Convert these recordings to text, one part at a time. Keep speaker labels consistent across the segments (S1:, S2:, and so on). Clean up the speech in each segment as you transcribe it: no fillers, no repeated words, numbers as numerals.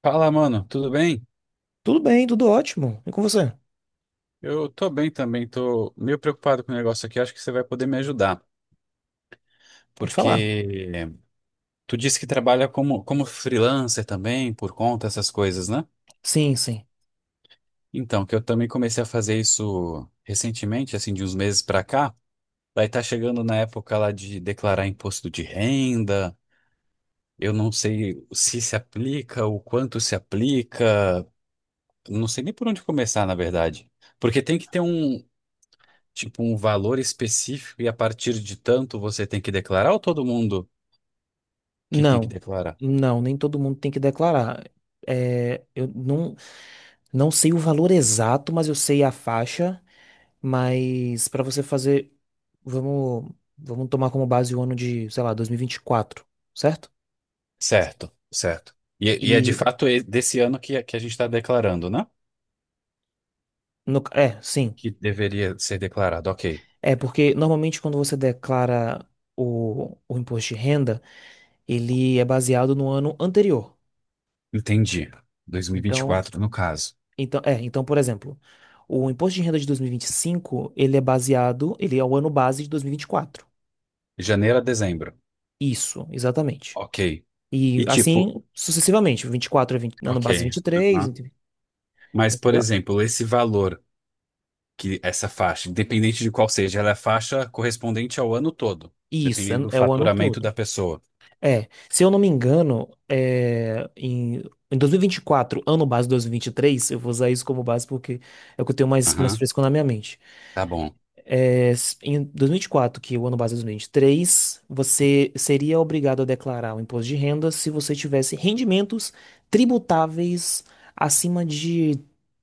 S1: Fala, mano, tudo bem?
S2: Tudo bem, tudo ótimo. E com você?
S1: Eu tô bem também, tô meio preocupado com o negócio aqui, acho que você vai poder me ajudar,
S2: Pode falar.
S1: porque tu disse que trabalha como freelancer também, por conta, essas coisas, né?
S2: Sim, sim.
S1: Então, que eu também comecei a fazer isso recentemente, assim, de uns meses pra cá, vai estar chegando na época lá de declarar imposto de renda, eu não sei se aplica, o quanto se aplica, não sei nem por onde começar, na verdade, porque tem que ter um tipo um valor específico e a partir de tanto você tem que declarar ou todo mundo que tem que
S2: Não,
S1: declarar?
S2: não, nem todo mundo tem que declarar. É, eu não sei o valor exato, mas eu sei a faixa. Mas para você fazer, vamos, vamos tomar como base o ano de, sei lá, dois mil e vinte e quatro, certo?
S1: Certo, certo. E é de
S2: E
S1: fato desse ano que a gente está declarando, né?
S2: no, é, sim.
S1: Que deveria ser declarado. Ok,
S2: É porque normalmente quando você declara o imposto de renda, ele é baseado no ano anterior.
S1: entendi.
S2: Então,
S1: 2024, no caso.
S2: Então, é, então, por exemplo, o imposto de renda de dois mil e vinte e cinco ele é o ano base de dois mil e vinte e quatro.
S1: Janeiro a dezembro.
S2: Isso, exatamente.
S1: Ok.
S2: E
S1: E tipo,
S2: assim, sucessivamente, 24 é 20, ano base
S1: ok.
S2: 23,
S1: Uhum.
S2: ent-
S1: Mas, por
S2: entendeu?
S1: exemplo, esse valor, que essa faixa, independente de qual seja, ela é a faixa correspondente ao ano todo,
S2: Isso, é,
S1: dependendo do
S2: é o ano
S1: faturamento
S2: todo.
S1: da pessoa.
S2: É, se eu não me engano, é, em 2024 ano base dois mil e vinte e três eu vou usar isso como base porque é o que eu tenho mais
S1: Aham,
S2: fresco na minha mente.
S1: tá bom.
S2: É, em 2024, que é o ano base é 2023, você seria obrigado a declarar o imposto de renda se você tivesse rendimentos tributáveis acima de,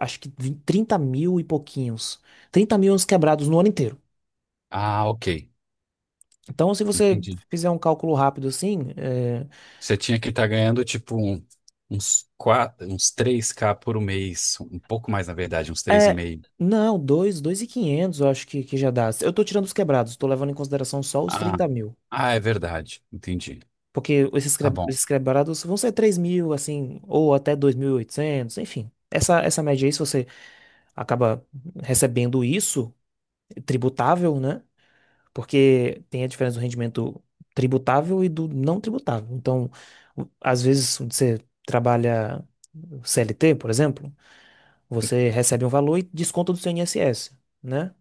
S2: acho que 20 30 mil e pouquinhos. 30 mil uns quebrados no ano inteiro.
S1: Ah, ok.
S2: Então, se você
S1: Entendi.
S2: fizer um cálculo rápido assim,
S1: Você tinha que estar ganhando uns quatro, uns três k por mês, um pouco mais na verdade, uns três e
S2: é,
S1: meio.
S2: não, 2, 2.500 eu acho que já dá. Eu tô tirando os quebrados, tô levando em consideração só os
S1: Ah,
S2: 30 mil.
S1: ah, é verdade. Entendi.
S2: Porque esses,
S1: Tá
S2: cre-
S1: bom.
S2: esses quebrados vão ser 3.000, assim, ou até 2.800 enfim. Essa média aí, se você acaba recebendo isso, tributável, né? Porque tem a diferença do rendimento tributável e do não tributável. Então, às vezes, você trabalha CLT, por exemplo, você recebe um valor e desconta do seu INSS, né?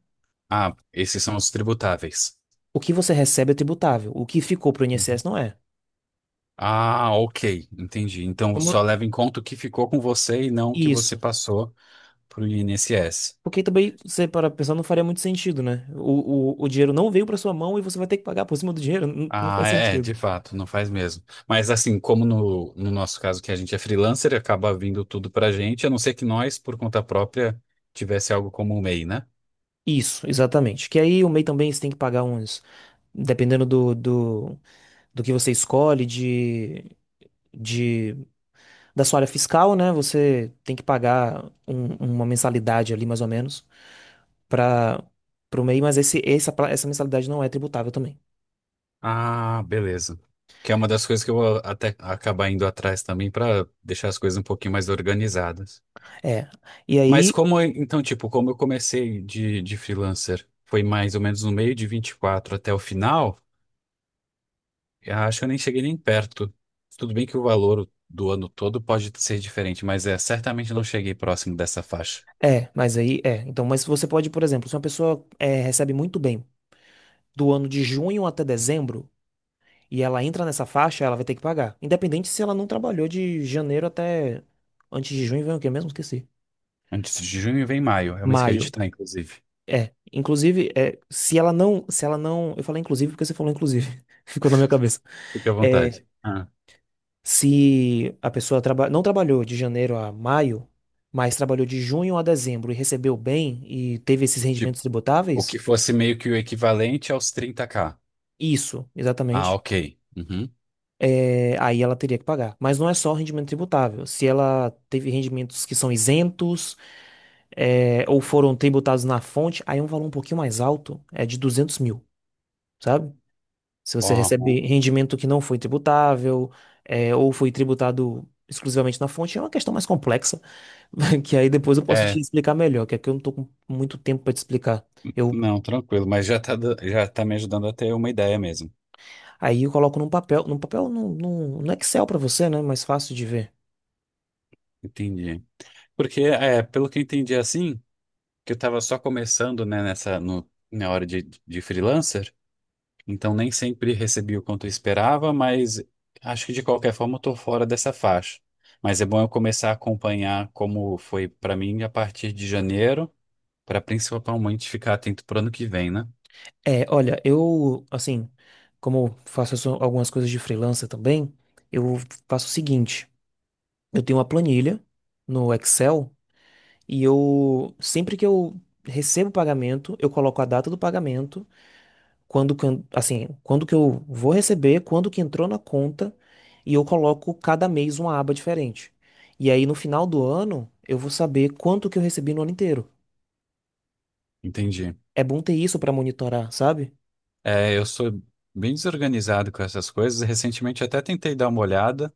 S1: Ah, esses são os tributáveis.
S2: O que você recebe é tributável, o que ficou para o INSS
S1: Uhum.
S2: não é.
S1: Ah, ok. Entendi. Então só
S2: Vamos-
S1: leva em conta o que ficou com você e não o que você
S2: Isso.
S1: passou para o INSS.
S2: Porque também, você para pensar, não faria muito sentido, né? O dinheiro não veio para sua mão e você vai ter que pagar por cima do dinheiro. Não, não
S1: Ah,
S2: faz
S1: é,
S2: sentido.
S1: de fato, não faz mesmo. Mas assim, como no nosso caso que a gente é freelancer, acaba vindo tudo pra gente, a não ser que nós, por conta própria, tivesse algo como o MEI, né?
S2: Isso, exatamente. Que aí o MEI também você tem que pagar uns. Dependendo do que você escolhe, de, da sua área fiscal, né? Você tem que pagar uma mensalidade ali, mais ou menos, para o MEI, mas essa mensalidade não é tributável também.
S1: Ah, beleza. Que é uma das coisas que eu vou até acabar indo atrás também para deixar as coisas um pouquinho mais organizadas.
S2: É. E
S1: Mas
S2: aí.
S1: como, então, tipo, como eu comecei de freelancer, foi mais ou menos no meio de 24 até o final, eu acho que eu nem cheguei nem perto. Tudo bem que o valor do ano todo pode ser diferente, mas é, certamente não cheguei próximo dessa faixa.
S2: É, mas aí é. Então, mas você pode, por exemplo, se uma pessoa recebe muito bem. Do ano de junho até dezembro e ela entra nessa faixa, ela vai ter que pagar. Independente se ela não trabalhou de janeiro até antes de junho, vem o quê mesmo? Esqueci.
S1: Antes de junho vem maio, é o mês que a
S2: Maio.
S1: gente está, inclusive.
S2: É, inclusive, é, se ela não, eu falei inclusive porque você falou inclusive, ficou na minha cabeça.
S1: Fique à vontade.
S2: É,
S1: Ah,
S2: se a pessoa não trabalhou de janeiro a maio, mas trabalhou de junho a dezembro e recebeu bem e teve esses
S1: tipo,
S2: rendimentos
S1: o que
S2: tributáveis,
S1: fosse meio que o equivalente aos 30k.
S2: isso,
S1: Ah,
S2: exatamente.
S1: ok. Uhum.
S2: Aí ela teria que pagar. Mas não é só rendimento tributável. Se ela teve rendimentos que são isentos, ou foram tributados na fonte, aí é um valor um pouquinho mais alto, é de 200.000, sabe? Se você
S1: Uhum.
S2: recebe rendimento que não foi tributável, ou foi tributado exclusivamente na fonte, é uma questão mais complexa, que aí depois eu posso te
S1: É,
S2: explicar melhor, que aqui eu não tô com muito tempo para te explicar. Eu,
S1: não, tranquilo, mas já tá, já tá me ajudando a ter uma ideia mesmo.
S2: aí eu coloco num papel, no Excel para você, né? Mais fácil de ver.
S1: Entendi. Porque, é, pelo que eu entendi assim, que eu tava só começando, né, nessa, no, na hora de freelancer. Então nem sempre recebi o quanto eu esperava, mas acho que de qualquer forma eu tô fora dessa faixa. Mas é bom eu começar a acompanhar como foi para mim a partir de janeiro, para principalmente ficar atento pro ano que vem, né?
S2: É, olha, como eu faço algumas coisas de freelancer também, eu faço o seguinte: eu tenho uma planilha no Excel e eu, sempre que eu recebo o pagamento, eu coloco a data do pagamento, quando que eu vou receber, quando que entrou na conta, e eu coloco cada mês uma aba diferente. E aí, no final do ano, eu vou saber quanto que eu recebi no ano inteiro.
S1: Entendi.
S2: É bom ter isso pra monitorar, sabe?
S1: É, eu sou bem desorganizado com essas coisas. Recentemente até tentei dar uma olhada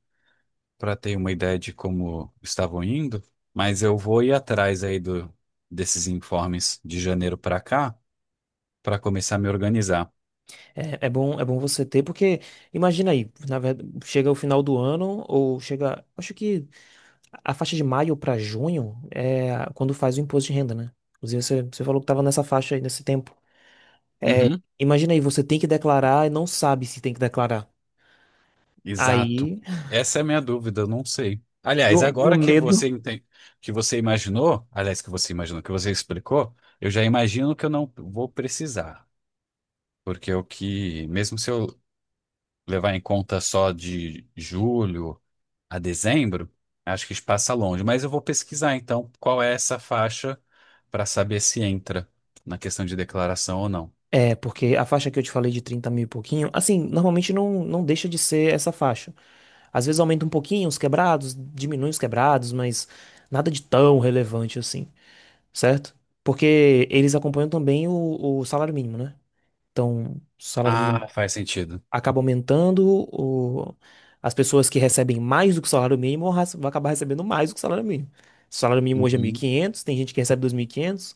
S1: para ter uma ideia de como estavam indo, mas eu vou ir atrás aí do, desses informes de janeiro para cá para começar a me organizar.
S2: É bom você ter, porque imagina aí, na verdade, chega o final do ano, ou chega, acho que a faixa de maio pra junho é quando faz o imposto de renda, né? Inclusive, você falou que tava nessa faixa aí, nesse tempo.
S1: Uhum.
S2: Imagina aí, você tem que declarar e não sabe se tem que declarar.
S1: Exato.
S2: Aí,
S1: Essa é a minha dúvida, eu não sei. Aliás,
S2: o
S1: agora que você
S2: medo.
S1: enten- que você imaginou, aliás, que você explicou, eu já imagino que eu não vou precisar, porque o que, mesmo se eu levar em conta só de julho a dezembro, acho que passa longe, mas eu vou pesquisar então qual é essa faixa para saber se entra na questão de declaração ou não.
S2: É, porque a faixa que eu te falei de 30.000 e pouquinho, assim, normalmente não deixa de ser essa faixa. Às vezes aumenta um pouquinho os quebrados, diminui os quebrados, mas nada de tão relevante assim. Certo? Porque eles acompanham também o salário mínimo, né? Então, o salário mínimo
S1: Ah, faz sentido.
S2: acaba aumentando, o, as pessoas que recebem mais do que o salário mínimo vão acabar recebendo mais do que o salário mínimo. O salário mínimo hoje é mil e
S1: Uhum.
S2: quinhentos Tem gente que recebe 2.500.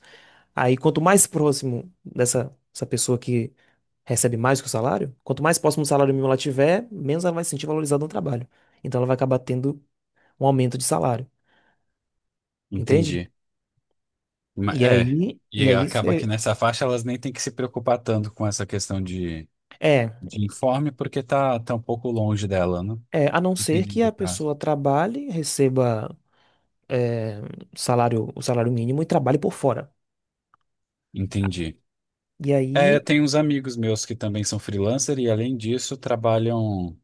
S2: Aí, quanto mais próximo dessa essa pessoa que recebe mais do que o salário, quanto mais próximo do salário mínimo ela tiver, menos ela vai se sentir valorizada no trabalho. Então, ela vai acabar tendo um aumento de salário, entende?
S1: Entendi.
S2: E
S1: É,
S2: aí, e
S1: e
S2: aí,
S1: acaba que nessa faixa elas nem têm que se preocupar tanto com essa questão
S2: é,
S1: de informe, porque tá, tá um pouco longe dela, né?
S2: é, a não ser
S1: Dependendo
S2: que a
S1: do caso.
S2: pessoa trabalhe, receba é, o salário mínimo e trabalhe por fora.
S1: Entendi.
S2: E aí
S1: É, tem uns amigos meus que também são freelancer e, além disso, trabalham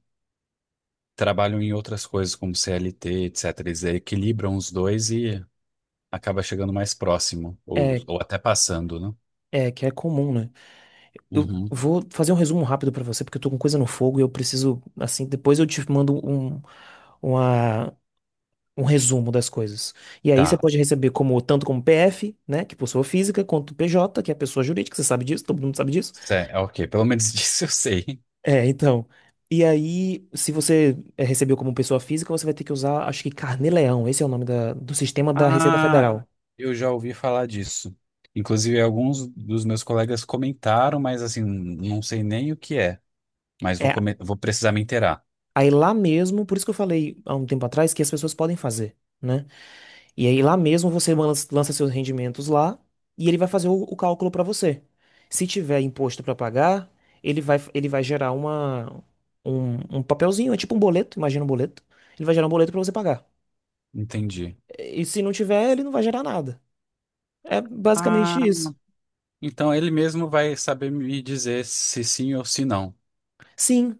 S1: trabalham em outras coisas, como CLT, etc. Eles equilibram os dois e acaba chegando mais próximo,
S2: é,
S1: ou até passando, né?
S2: é que é comum, né? Eu
S1: Uhum.
S2: vou fazer um resumo rápido pra você, porque eu tô com coisa no fogo e eu preciso, assim, depois eu te mando uma, um resumo das coisas. E aí você
S1: Tá.
S2: pode receber como tanto como PF, né, que é pessoa física, quanto PJ, que é pessoa jurídica, você sabe disso, todo mundo sabe disso.
S1: É, ok, pelo menos disso eu sei.
S2: É, então. E aí, se você recebeu como pessoa física, você vai ter que usar, acho que Carnê-Leão, esse é o nome do sistema da Receita
S1: Ah,
S2: Federal.
S1: eu já ouvi falar disso. Inclusive, alguns dos meus colegas comentaram, mas assim, não sei nem o que é. Mas
S2: É,
S1: vou precisar me inteirar.
S2: aí lá mesmo, por isso que eu falei há um tempo atrás que as pessoas podem fazer, né? E aí lá mesmo você lança seus rendimentos lá e ele vai fazer o cálculo para você. Se tiver imposto para pagar, ele vai gerar um papelzinho, é tipo um boleto, imagina um boleto. Ele vai gerar um boleto para você pagar.
S1: Entendi.
S2: E se não tiver, ele não vai gerar nada. É
S1: Ah,
S2: basicamente isso.
S1: então ele mesmo vai saber me dizer se sim ou se não,
S2: Sim,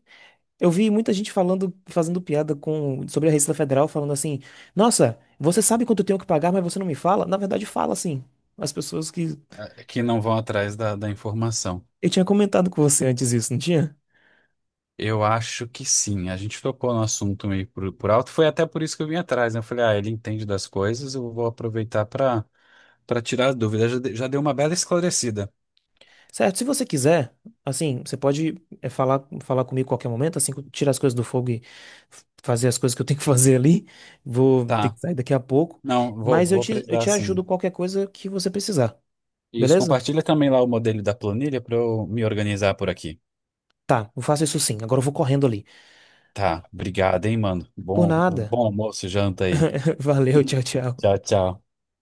S2: eu vi muita gente falando, fazendo piada sobre a Receita Federal, falando assim: Nossa, você sabe quanto eu tenho que pagar, mas você não me fala? Na verdade, fala sim. As pessoas que.
S1: que não vão atrás da, da informação.
S2: Eu tinha comentado com você antes isso, não tinha?
S1: Eu acho que sim. A gente tocou no assunto meio por alto. Foi até por isso que eu vim atrás, né? Eu falei, ah, ele entende das coisas, eu vou aproveitar para para tirar as dúvidas. Já, já deu uma bela esclarecida.
S2: Certo, se você quiser, assim, você pode falar comigo a qualquer momento, assim, tirar as coisas do fogo e fazer as coisas que eu tenho que fazer ali. Vou ter
S1: Tá.
S2: que sair daqui a pouco.
S1: Não, vou,
S2: Mas eu
S1: vou
S2: te, eu
S1: precisar
S2: te
S1: sim.
S2: ajudo qualquer coisa que você precisar,
S1: Isso,
S2: beleza?
S1: compartilha também lá o modelo da planilha para eu me organizar por aqui.
S2: Tá, eu faço isso sim. Agora eu vou correndo ali.
S1: Tá, obrigado, hein, mano.
S2: Por
S1: Bom,
S2: nada.
S1: bom almoço, janta aí.
S2: Valeu, tchau, tchau.
S1: Tchau, tchau.